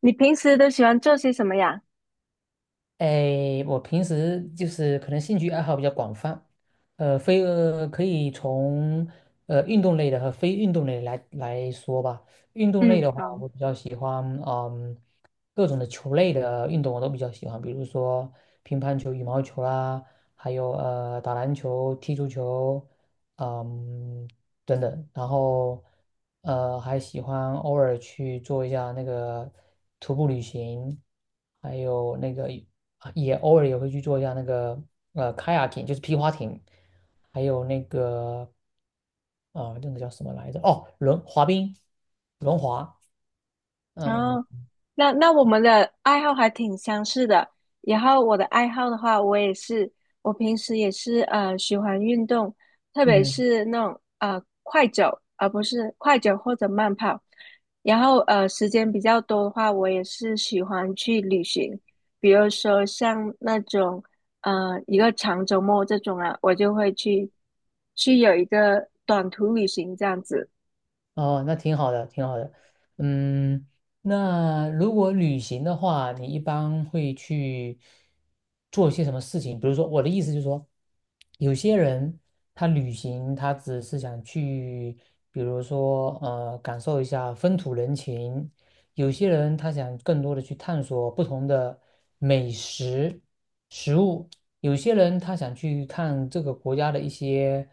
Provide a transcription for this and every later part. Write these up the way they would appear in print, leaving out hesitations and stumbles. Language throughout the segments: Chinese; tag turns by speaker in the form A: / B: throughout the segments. A: 你平时都喜欢做些什么呀？
B: 哎，我平时就是可能兴趣爱好比较广泛，呃，非呃可以从运动类的和非运动类来说吧。运动类
A: 嗯，
B: 的话，
A: 好。
B: 我比较喜欢，嗯，各种的球类的运动我都比较喜欢，比如说乒乓球、羽毛球啦，还有打篮球、踢足球，嗯等等。然后还喜欢偶尔去做一下那个徒步旅行。还有那个也偶尔也会去做一下那个kayaking，就是皮划艇，还有那个那个叫什么来着？哦，轮滑冰，轮滑。
A: 然
B: 嗯
A: 后那我们的爱好还挺相似的。然后我的爱好的话，我也是，我平时也是喜欢运动，特别
B: 嗯，
A: 是那种快走，而不是快走或者慢跑。然后时间比较多的话，我也是喜欢去旅行，比如说像那种一个长周末这种啊，我就会去有一个短途旅行这样子。
B: 哦，那挺好的，挺好的。嗯，那如果旅行的话，你一般会去做一些什么事情？比如说，我的意思就是说，有些人他旅行，他只是想去，比如说感受一下风土人情。有些人他想更多的去探索不同的美食食物，有些人他想去看这个国家的一些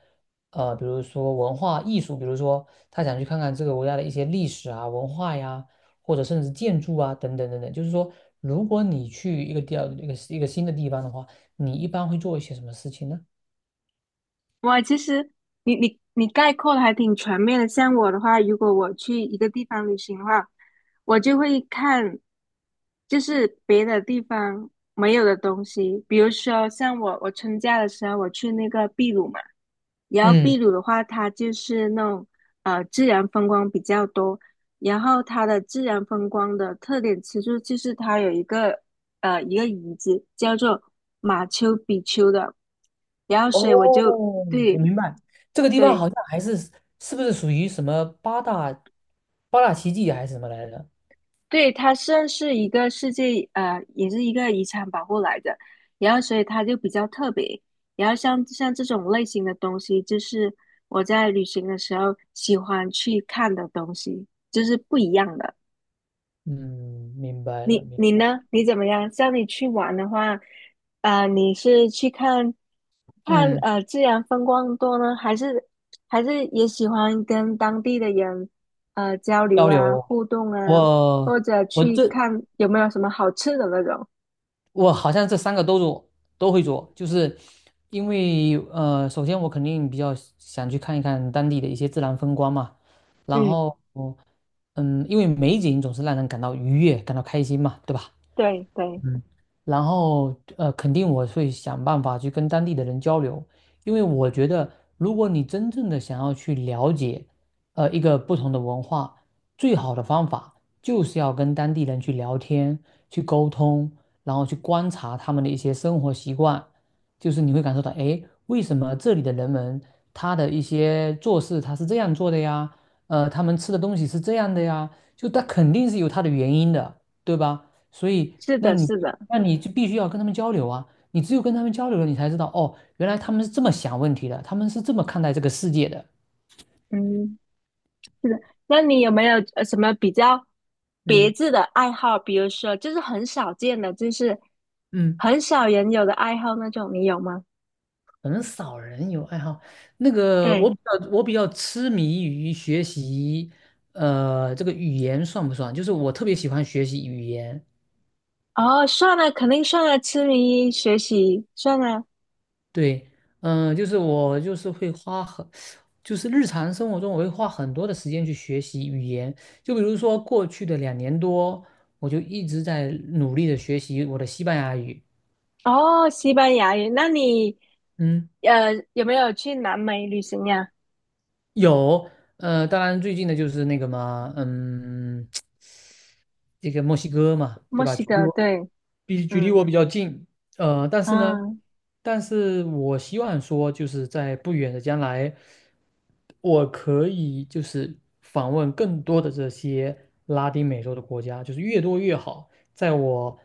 B: 比如说文化艺术，比如说他想去看看这个国家的一些历史啊、文化呀，或者甚至建筑啊等等等等。就是说，如果你去一个地儿一个新的地方的话，你一般会做一些什么事情呢？
A: 哇，其实你概括的还挺全面的。像我的话，如果我去一个地方旅行的话，我就会看，就是别的地方没有的东西。比如说，像我春假的时候，我去那个秘鲁嘛。然后
B: 嗯。
A: 秘鲁的话，它就是那种自然风光比较多，然后它的自然风光的特点其实就是它有一个一个遗址叫做马丘比丘的。然后
B: 哦，
A: 所以我就对。
B: 我明白，这个地方
A: 对
B: 好像还是是不是属于什么八大奇迹还是什么来着？
A: 对，它算是一个世界，也是一个遗产保护来的，然后所以它就比较特别。然后像这种类型的东西，就是我在旅行的时候喜欢去看的东西，就是不一样的。
B: 嗯，明白了，
A: 你
B: 明
A: 你
B: 白。
A: 呢？你怎么样？像你去玩的话，啊、你是去看
B: 嗯，
A: 自然风光多呢，还是也喜欢跟当地的人交流
B: 交
A: 啊、
B: 流，
A: 互动啊，或
B: 我
A: 者
B: 我
A: 去
B: 这
A: 看有没有什么好吃的那种？
B: 我好像这三个都会做，就是因为首先我肯定比较想去看一看当地的一些自然风光嘛，然
A: 嗯，
B: 后嗯，因为美景总是让人感到愉悦，感到开心嘛，对吧？
A: 对对，
B: 嗯，然后肯定我会想办法去跟当地的人交流，因为我觉得，如果你真正的想要去了解，一个不同的文化，最好的方法就是要跟当地人去聊天、去沟通，然后去观察他们的一些生活习惯，就是你会感受到，诶，为什么这里的人们他的一些做事他是这样做的呀？他们吃的东西是这样的呀，就他肯定是有他的原因的，对吧？所以，
A: 是
B: 那
A: 的，
B: 你
A: 是的，
B: 那你就必须要跟他们交流啊！你只有跟他们交流了，你才知道哦，原来他们是这么想问题的，他们是这么看待这个世界的。
A: 嗯，是的。那你有没有什么比较别
B: 嗯
A: 致的爱好？比如说，就是很少见的，就是
B: 嗯，
A: 很少人有的爱好那种，你有吗？
B: 可能少人有爱好。那个，我
A: 对。
B: 比较我比较痴迷于学习，这个语言算不算？就是我特别喜欢学习语言，
A: 哦，算了，肯定算了，痴迷学习算了。
B: 对，嗯、就是我就是会花很，就是日常生活中我会花很多的时间去学习语言。就比如说过去的两年多，我就一直在努力的学习我的西班牙语。
A: 哦，西班牙语，那你
B: 嗯。
A: 有没有去南美旅行呀？
B: 有，当然最近的就是那个嘛，嗯，这个墨西哥嘛，对
A: 墨
B: 吧？
A: 西哥，对，
B: 距离
A: 嗯
B: 我比较近，但是呢，
A: 嗯
B: 但是我希望说，就是在不远的将来，我可以就是访问更多的这些拉丁美洲的国家，就是越多越好。在我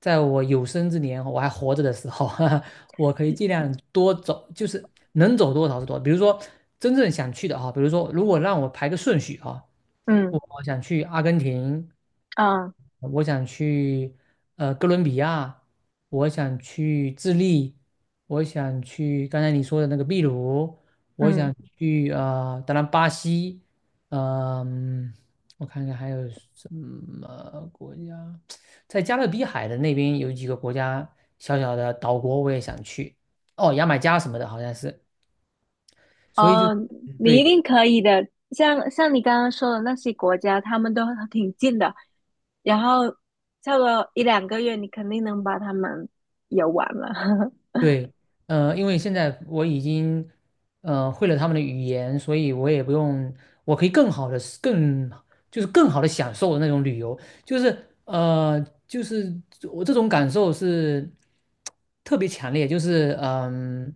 B: 在我有生之年，我还活着的时候，我可以尽量多走，就是能走多少是多少。比如说真正想去的哈，比如说如果让我排个顺序啊。
A: 嗯
B: 我想去阿根廷，
A: 嗯
B: 我想去哥伦比亚，我想去智利，我想去刚才你说的那个秘鲁，我
A: 嗯。
B: 想去当然巴西，嗯、我看看还有什么国家，在加勒比海的那边有几个国家小小的岛国我也想去，哦，牙买加什么的好像是，所以就
A: 哦，你一
B: 对，
A: 定可以的。像你刚刚说的那些国家，他们都挺近的，然后差不多一两个月，你肯定能把他们游完了。
B: 对，因为现在我已经会了他们的语言，所以我也不用，我可以更好的、更就是更好的享受那种旅游，就是呃，就是我这种感受是特别强烈，就是嗯、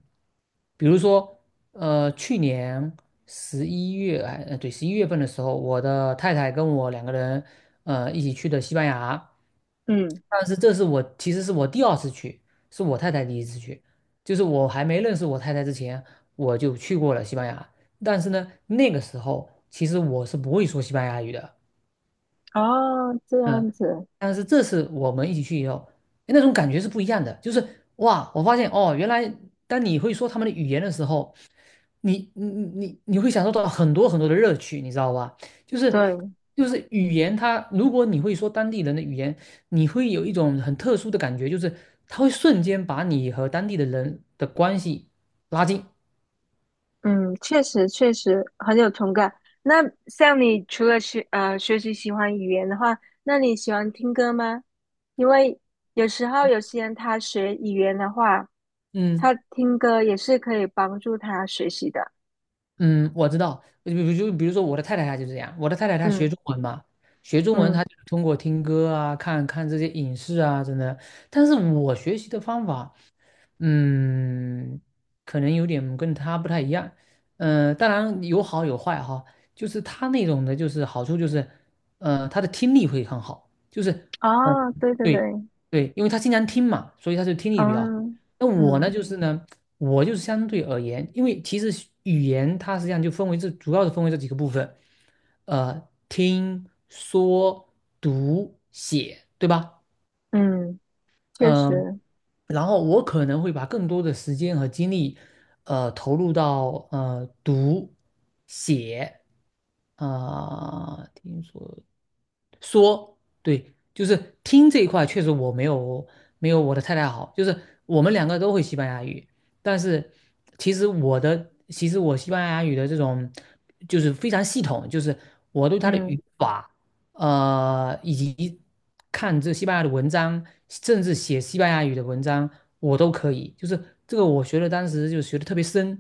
B: 比如说去年十一月份的时候，我的太太跟我两个人一起去的西班牙，
A: 嗯，
B: 但是这是我其实是我第二次去。是我太太第一次去，就是我还没认识我太太之前，我就去过了西班牙。但是呢，那个时候其实我是不会说西班牙语的，
A: 哦，这样
B: 嗯，
A: 子，
B: 但是这次我们一起去以后，诶那种感觉是不一样的。就是哇，我发现哦，原来当你会说他们的语言的时候，你会享受到很多很多的乐趣，你知道吧？就是
A: 对，
B: 就是语言它，如果你会说当地人的语言，你会有一种很特殊的感觉，就是它会瞬间把你和当地的人的关系拉近。
A: 嗯，确实确实很有同感。那像你除了学习喜欢语言的话，那你喜欢听歌吗？因为有时候有些人他学语言的话，
B: 嗯。
A: 他听歌也是可以帮助他学习的。
B: 嗯，我知道，比如说我的太太她就是这样，我的太太她学
A: 嗯
B: 中文嘛，学中文
A: 嗯，
B: 她就是通过听歌啊、看看这些影视啊，真的。但是我学习的方法，嗯，可能有点跟他不太一样。当然有好有坏哈，就是他那种的，就是好处就是，他的听力会很好，就是，嗯，
A: 哦，对对对，
B: 对对，因为他经常听嘛，所以他就听力比较好。
A: 嗯
B: 那我呢，
A: 嗯
B: 就是呢，我就是相对而言，因为其实语言它实际上就分为这主要是分为这几个部分，听、说、读、写，对吧？
A: 嗯，确
B: 嗯，
A: 实，
B: 然后我可能会把更多的时间和精力，投入到读、写，啊、听说。说，对，就是听这一块确实我没有没有我的太太好，就是我们两个都会西班牙语，但是其实我西班牙语的这种就是非常系统，就是我对它的
A: 嗯
B: 语法，以及看这西班牙的文章，甚至写西班牙语的文章，我都可以，就是这个我学的当时就学的特别深，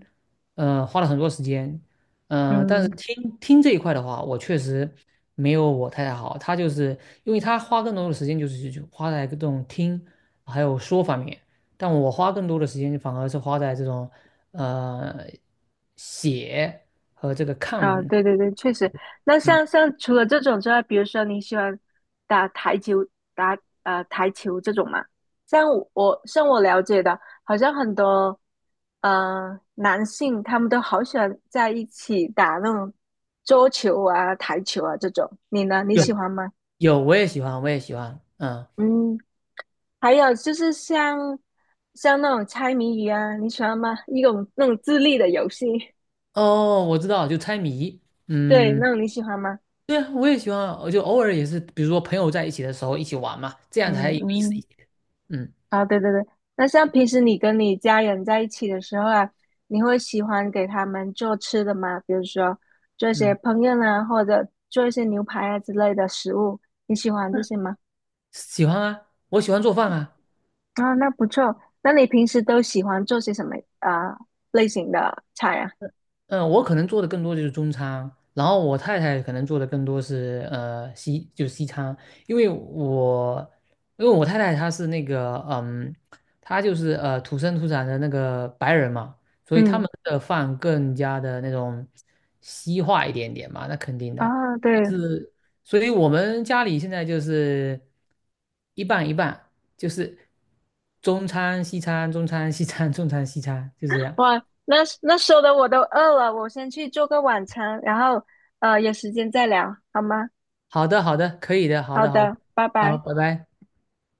B: 花了很多时间，但是
A: 嗯。
B: 听听这一块的话，我确实没有我太太好。她就是因为她花更多的时间就花在这种听还有说方面，但我花更多的时间反而是花在这种呃写和这个
A: 啊，
B: 看。
A: 对对对，确实。那
B: 嗯，
A: 像除了这种之外，比如说你喜欢打台球、打台球这种嘛？像我像我了解的，好像很多男性他们都好喜欢在一起打那种桌球啊、台球啊这种。你呢？你喜
B: 有
A: 欢吗？
B: 有，我也喜欢，我也喜欢。嗯，
A: 嗯，还有就是像那种猜谜语啊，你喜欢吗？一种那种智力的游戏，
B: 哦，我知道，就猜谜。
A: 对，那
B: 嗯，
A: 种你喜欢吗？
B: 对啊，我也喜欢啊，我就偶尔也是，比如说朋友在一起的时候一起玩嘛，这样才
A: 嗯
B: 有意思一
A: 嗯。
B: 些。嗯
A: 啊，对对对，那像平时你跟你家人在一起的时候啊，你会喜欢给他们做吃的吗？比如说做一些
B: 嗯。
A: 烹饪啊，或者做一些牛排啊之类的食物，你喜欢这些吗？
B: 喜欢啊，我喜欢做饭啊，
A: 啊，那不错。那你平时都喜欢做些什么啊、类型的菜啊？
B: 嗯，我可能做的更多就是中餐，然后我太太可能做的更多是就是西餐，因为我因为我太太她是那个嗯，她就是土生土长的那个白人嘛，所以他
A: 嗯，
B: 们的饭更加的那种西化一点点嘛，那肯定的，
A: 啊，对，
B: 是，所以我们家里现在就是一半一半，就是中餐西餐，中餐西餐，中餐西餐，就这样。
A: 哇，那那说的我都饿了，我先去做个晚餐，然后有时间再聊，好吗？
B: 好的，好的，可以的，好
A: 好
B: 的，好的，
A: 的，拜
B: 好，
A: 拜。
B: 拜拜。